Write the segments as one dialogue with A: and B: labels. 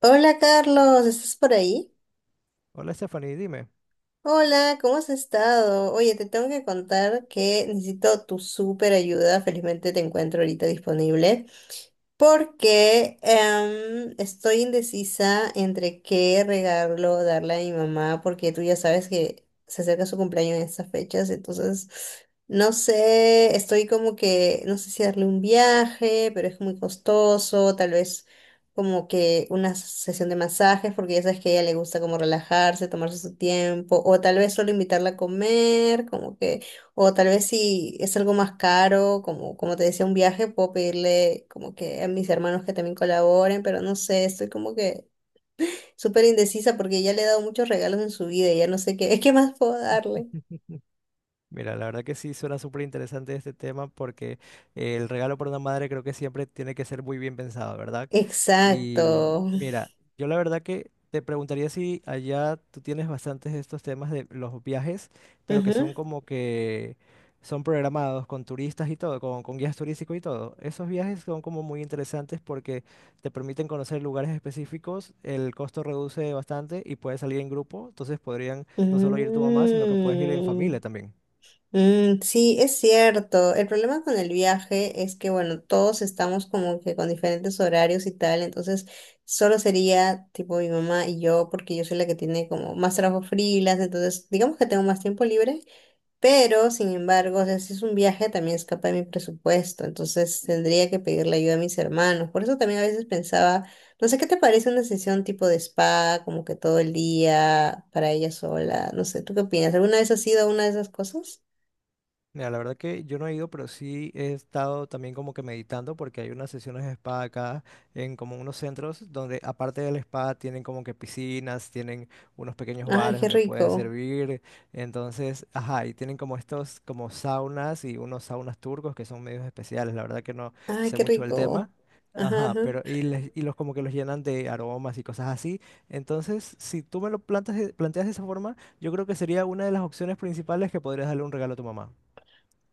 A: Hola Carlos, ¿estás por ahí?
B: Hola Stephanie, dime.
A: Hola, ¿cómo has estado? Oye, te tengo que contar que necesito tu súper ayuda. Felizmente te encuentro ahorita disponible. Porque estoy indecisa entre qué regalo darle a mi mamá, porque tú ya sabes que se acerca su cumpleaños en estas fechas, entonces no sé, estoy como que, no sé si darle un viaje, pero es muy costoso, tal vez como que una sesión de masajes, porque ya sabes que a ella le gusta como relajarse, tomarse su tiempo, o tal vez solo invitarla a comer, como que. O tal vez si es algo más caro, como, como te decía, un viaje, puedo pedirle como que a mis hermanos que también colaboren, pero no sé, estoy como que súper indecisa porque ya le he dado muchos regalos en su vida y ya no sé qué, ¿qué más puedo darle?
B: Mira, la verdad que sí suena súper interesante este tema porque el regalo para una madre creo que siempre tiene que ser muy bien pensado, ¿verdad? Y
A: Exacto.
B: mira, yo la verdad que te preguntaría si allá tú tienes bastantes de estos temas de los viajes, pero que
A: Ujú.
B: son como que son programados con turistas y todo, con guías turísticos y todo. Esos viajes son como muy interesantes porque te permiten conocer lugares específicos, el costo reduce bastante y puedes salir en grupo, entonces podrían no solo ir tu mamá, sino que puedes ir en familia
A: Mm.
B: también.
A: Mm, sí, es cierto. El problema con el viaje es que, bueno, todos estamos como que con diferentes horarios y tal, entonces solo sería tipo mi mamá y yo, porque yo soy la que tiene como más trabajo freelance, entonces digamos que tengo más tiempo libre, pero sin embargo, o sea, si es un viaje también escapa de mi presupuesto, entonces tendría que pedirle ayuda a mis hermanos. Por eso también a veces pensaba, no sé, ¿qué te parece una sesión tipo de spa, como que todo el día para ella sola? No sé, ¿tú qué opinas? ¿Alguna vez has ido a una de esas cosas?
B: Mira, la verdad que yo no he ido, pero sí he estado también como que meditando porque hay unas sesiones de espada acá en como unos centros donde aparte del la tienen como que piscinas, tienen unos pequeños
A: Ay,
B: bares
A: qué
B: donde pueden
A: rico.
B: servir, entonces, ajá, y tienen como estos como saunas y unos saunas turcos que son medios especiales, la verdad que no
A: Ay,
B: sé
A: qué
B: mucho del tema.
A: rico. Ajá,
B: Ajá,
A: ajá.
B: pero y, y los como que los llenan de aromas y cosas así. Entonces, si tú me lo plantas, planteas de esa forma, yo creo que sería una de las opciones principales que podrías darle un regalo a tu mamá.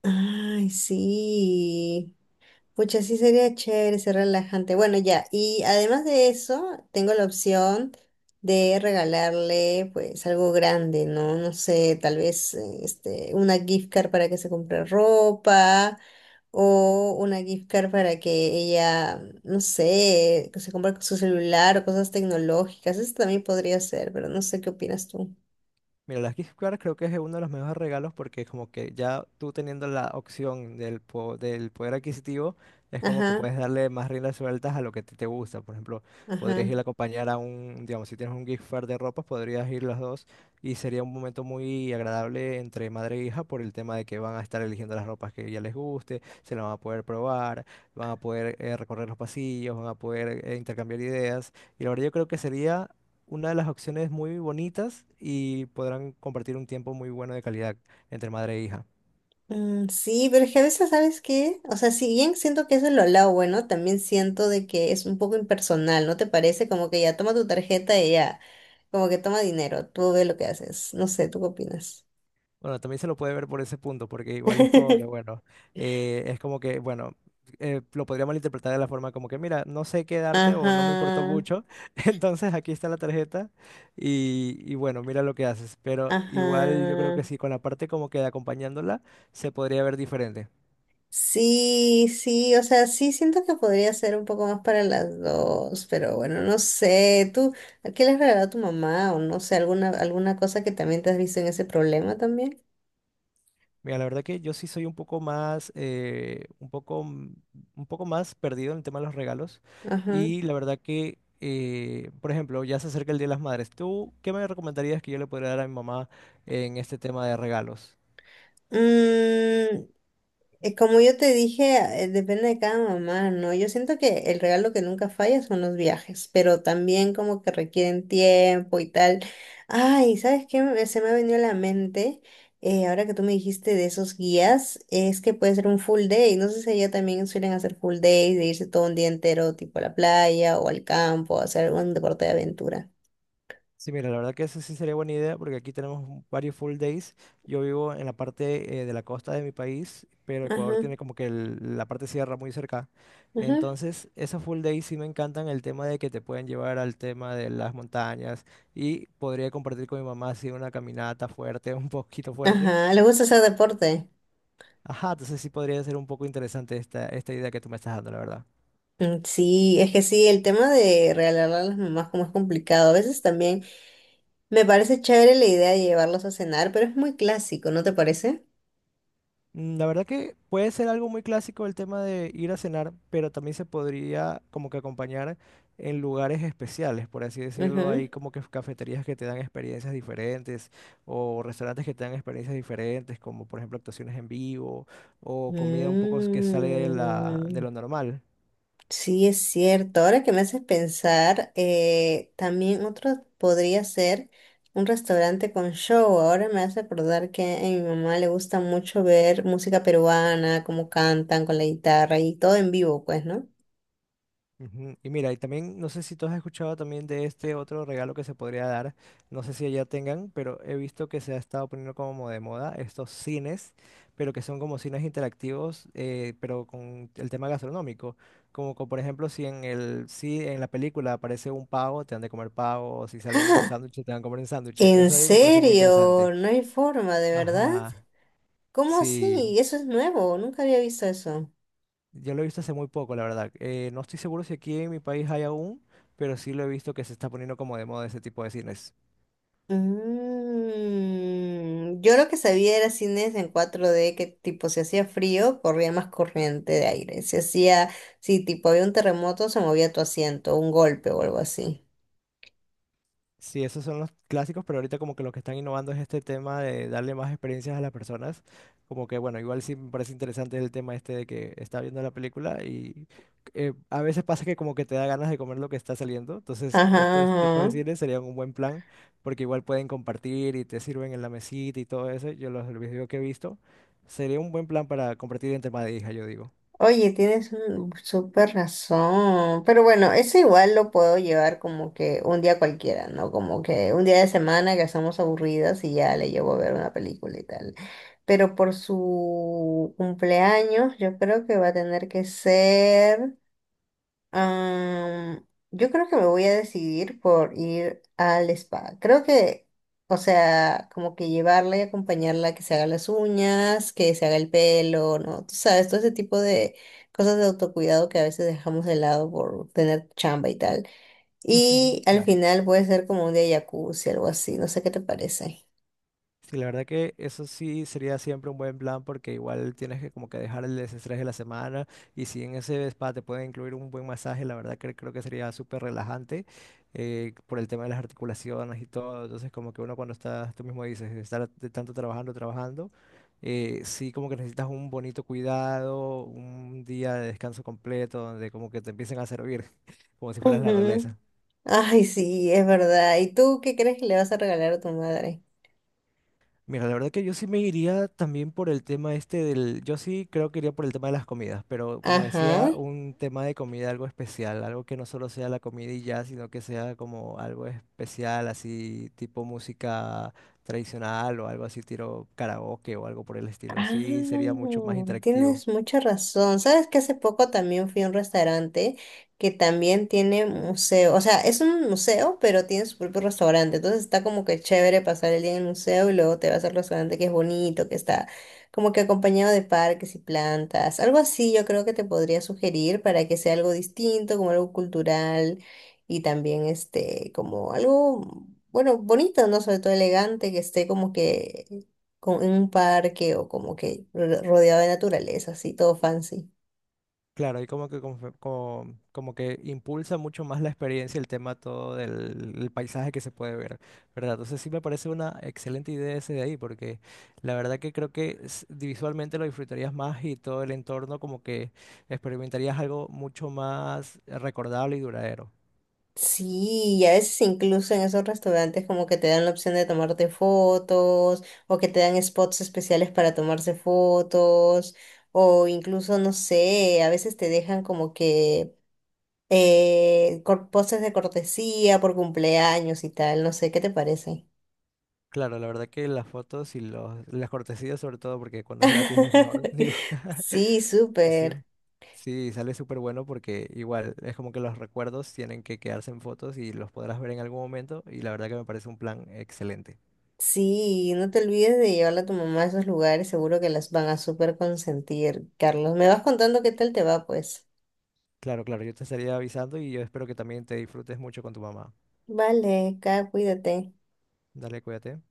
A: Ay, sí. Pucha, sí sería chévere, ser relajante. Bueno, ya. Y además de eso, tengo la opción de regalarle, pues, algo grande, ¿no? No sé, tal vez, este, una gift card para que se compre ropa o una gift card para que ella, no sé, que se compre su celular o cosas tecnológicas. Eso también podría ser, pero no sé qué opinas tú.
B: Mira, las gift cards creo que es uno de los mejores regalos porque como que ya tú teniendo la opción del, del poder adquisitivo, es como que
A: Ajá,
B: puedes darle más riendas sueltas a lo que te gusta. Por ejemplo, podrías
A: ajá.
B: ir a acompañar a un, digamos, si tienes un gift card de ropa, podrías ir los dos y sería un momento muy agradable entre madre e hija por el tema de que van a estar eligiendo las ropas que ya les guste, se las van a poder probar, van a poder recorrer los pasillos, van a poder intercambiar ideas. Y la verdad yo creo que sería una de las opciones muy bonitas y podrán compartir un tiempo muy bueno de calidad entre madre e hija.
A: Mm, sí, pero es que a veces, ¿sabes qué? O sea, si bien siento que eso es lo lado bueno, también siento de que es un poco impersonal, ¿no te parece? Como que ya toma tu tarjeta y ya, como que toma dinero, tú ve lo que haces. No sé, ¿tú qué opinas?
B: Bueno, también se lo puede ver por ese punto, porque igual es como que, bueno, es como que, bueno, lo podría malinterpretar de la forma como que, mira, no sé qué darte o no me importó
A: Ajá,
B: mucho, entonces aquí está la tarjeta y bueno, mira lo que haces. Pero igual yo creo
A: ajá.
B: que sí, con la parte como que de acompañándola, se podría ver diferente.
A: Sí, sí, o sea, sí siento que podría ser un poco más para las dos, pero bueno, no sé, ¿tú qué le has regalado a tu mamá o no sé, alguna, alguna cosa que también te has visto en ese problema también?
B: Mira, la verdad que yo sí soy un poco más, un poco, un poco más perdido en el tema de los regalos.
A: Ajá.
B: Y la verdad que, por ejemplo, ya se acerca el Día de las Madres. ¿Tú qué me recomendarías que yo le podría dar a mi mamá en este tema de regalos?
A: Mm, como yo te dije, depende de cada mamá, ¿no? Yo siento que el regalo que nunca falla son los viajes, pero también como que requieren tiempo y tal. Ay, ¿sabes qué? Se me ha venido a la mente, ahora que tú me dijiste de esos guías, es que puede ser un full day. No sé si allá también suelen hacer full days, de irse todo un día entero, tipo a la playa o al campo, a hacer un deporte de aventura.
B: Sí, mira, la verdad que eso sí sería buena idea porque aquí tenemos varios full days. Yo vivo en la parte de la costa de mi país, pero
A: Ajá,
B: Ecuador tiene como que la parte sierra muy cerca.
A: ajá.
B: Entonces, esos full days sí me encantan el tema de que te pueden llevar al tema de las montañas y podría compartir con mi mamá así una caminata fuerte, un poquito fuerte.
A: Ajá, ¿le gusta hacer deporte?
B: Ajá, entonces sí podría ser un poco interesante esta idea que tú me estás dando, la verdad.
A: Mm, sí, es que sí, el tema de regalarle a las mamás como es complicado. A veces también me parece chévere la idea de llevarlos a cenar, pero es muy clásico, ¿no te parece?
B: Mm, la verdad que puede ser algo muy clásico el tema de ir a cenar, pero también se podría como que acompañar en lugares especiales, por así decirlo. Hay como que cafeterías que te dan experiencias diferentes o restaurantes que te dan experiencias diferentes, como por ejemplo actuaciones en vivo o
A: Ujú.
B: comida un poco que sale de de
A: Mm,
B: lo normal.
A: sí, es cierto. Ahora que me haces pensar, también otro podría ser un restaurante con show. Ahora me hace acordar que a mi mamá le gusta mucho ver música peruana, cómo cantan con la guitarra y todo en vivo, pues, ¿no?
B: Ujú. Y mira, y también no sé si tú has escuchado también de este otro regalo que se podría dar, no sé si allá tengan, pero he visto que se ha estado poniendo como de moda estos cines, pero que son como cines interactivos, pero con el tema gastronómico, como, por ejemplo si en el si en la película aparece un pavo, te han de comer pavo, o si sale un sándwich, te van a comer un sándwich.
A: ¿En
B: Eso ahí me parece muy
A: serio?
B: interesante.
A: No hay forma, ¿de verdad?
B: Ajá,
A: ¿Cómo
B: sí.
A: así? Eso es nuevo, nunca había visto eso.
B: Yo lo he visto hace muy poco, la verdad. No estoy seguro si aquí en mi país hay aún, pero sí lo he visto que se está poniendo como de moda ese tipo de cines.
A: Mm, yo lo que sabía era cines en 4D que tipo si hacía frío, corría más corriente de aire. Si hacía, si tipo había un terremoto, se movía tu asiento, un golpe o algo así.
B: Sí, esos son los clásicos, pero ahorita como que lo que están innovando es este tema de darle más experiencias a las personas. Como que, bueno, igual sí me parece interesante el tema este de que está viendo la película y a veces pasa que como que te da ganas de comer lo que está saliendo. Entonces, estos tipos de
A: Ajá,
B: cines serían un buen plan porque igual pueden compartir y te sirven en la mesita y todo eso. Los videos que he visto, sería un buen plan para compartir entre madre e hija, yo digo.
A: oye, tienes un súper razón. Pero bueno, eso igual lo puedo llevar como que un día cualquiera, ¿no? Como que un día de semana que estamos aburridas y ya le llevo a ver una película y tal. Pero por su cumpleaños, yo creo que va a tener que ser. Am, yo creo que me voy a decidir por ir al spa. Creo que, o sea, como que llevarla y acompañarla, que se haga las uñas, que se haga el pelo, ¿no? Tú sabes, todo ese tipo de cosas de autocuidado que a veces dejamos de lado por tener chamba y tal. Y al
B: Claro.
A: final puede ser como un día de jacuzzi, algo así, no sé qué te parece.
B: Sí, la verdad que eso sí sería siempre un buen plan porque igual tienes que como que dejar el desestrés de la semana y si en ese spa te pueden incluir un buen masaje, la verdad que creo que sería súper relajante por el tema de las articulaciones y todo. Entonces como que uno cuando está, tú mismo dices, estar de tanto trabajando, sí como que necesitas un bonito cuidado, un día de descanso completo donde como que te empiecen a servir como si fueras la
A: Ujú.
B: realeza.
A: Ay, sí, es verdad. ¿Y tú qué crees que le vas a regalar a tu madre?
B: Mira, la verdad que yo sí me iría también por el tema este del, yo sí creo que iría por el tema de las comidas, pero como decía,
A: Ajá.
B: un tema de comida algo especial, algo que no solo sea la comida y ya, sino que sea como algo especial, así tipo música tradicional o algo así, tiro karaoke o algo por el estilo,
A: Ah,
B: así sería mucho más interactivo.
A: tienes mucha razón. Sabes que hace poco también fui a un restaurante que también tiene museo. O sea, es un museo, pero tiene su propio restaurante. Entonces está como que chévere pasar el día en el museo y luego te vas al restaurante que es bonito, que está como que acompañado de parques y plantas. Algo así yo creo que te podría sugerir para que sea algo distinto, como algo cultural y también este, como algo, bueno, bonito, ¿no? Sobre todo elegante, que esté como que en un parque o como que rodeado de naturaleza, así todo fancy.
B: Claro, y como que, como que impulsa mucho más la experiencia el tema todo del el paisaje que se puede ver, ¿verdad? Entonces sí me parece una excelente idea ese de ahí, porque la verdad que creo que visualmente lo disfrutarías más y todo el entorno como que experimentarías algo mucho más recordable y duradero.
A: Sí, y a veces incluso en esos restaurantes como que te dan la opción de tomarte fotos o que te dan spots especiales para tomarse fotos o incluso, no sé, a veces te dejan como que poses de cortesía por cumpleaños y tal, no sé, ¿qué te parece?
B: Claro, la verdad que las fotos y las cortesías sobre todo, porque cuando es gratis es mejor, digo.
A: Sí,
B: Ese-
A: súper.
B: Sí, sale súper bueno porque igual es como que los recuerdos tienen que quedarse en fotos y los podrás ver en algún momento y la verdad que me parece un plan excelente.
A: Sí, no te olvides de llevarla a tu mamá a esos lugares, seguro que las van a súper consentir. Carlos, me vas contando qué tal te va, pues.
B: Claro, claro, yo te estaría avisando y yo espero que también te disfrutes mucho con tu mamá.
A: Vale, Kat, cuídate.
B: Dale, cuídate.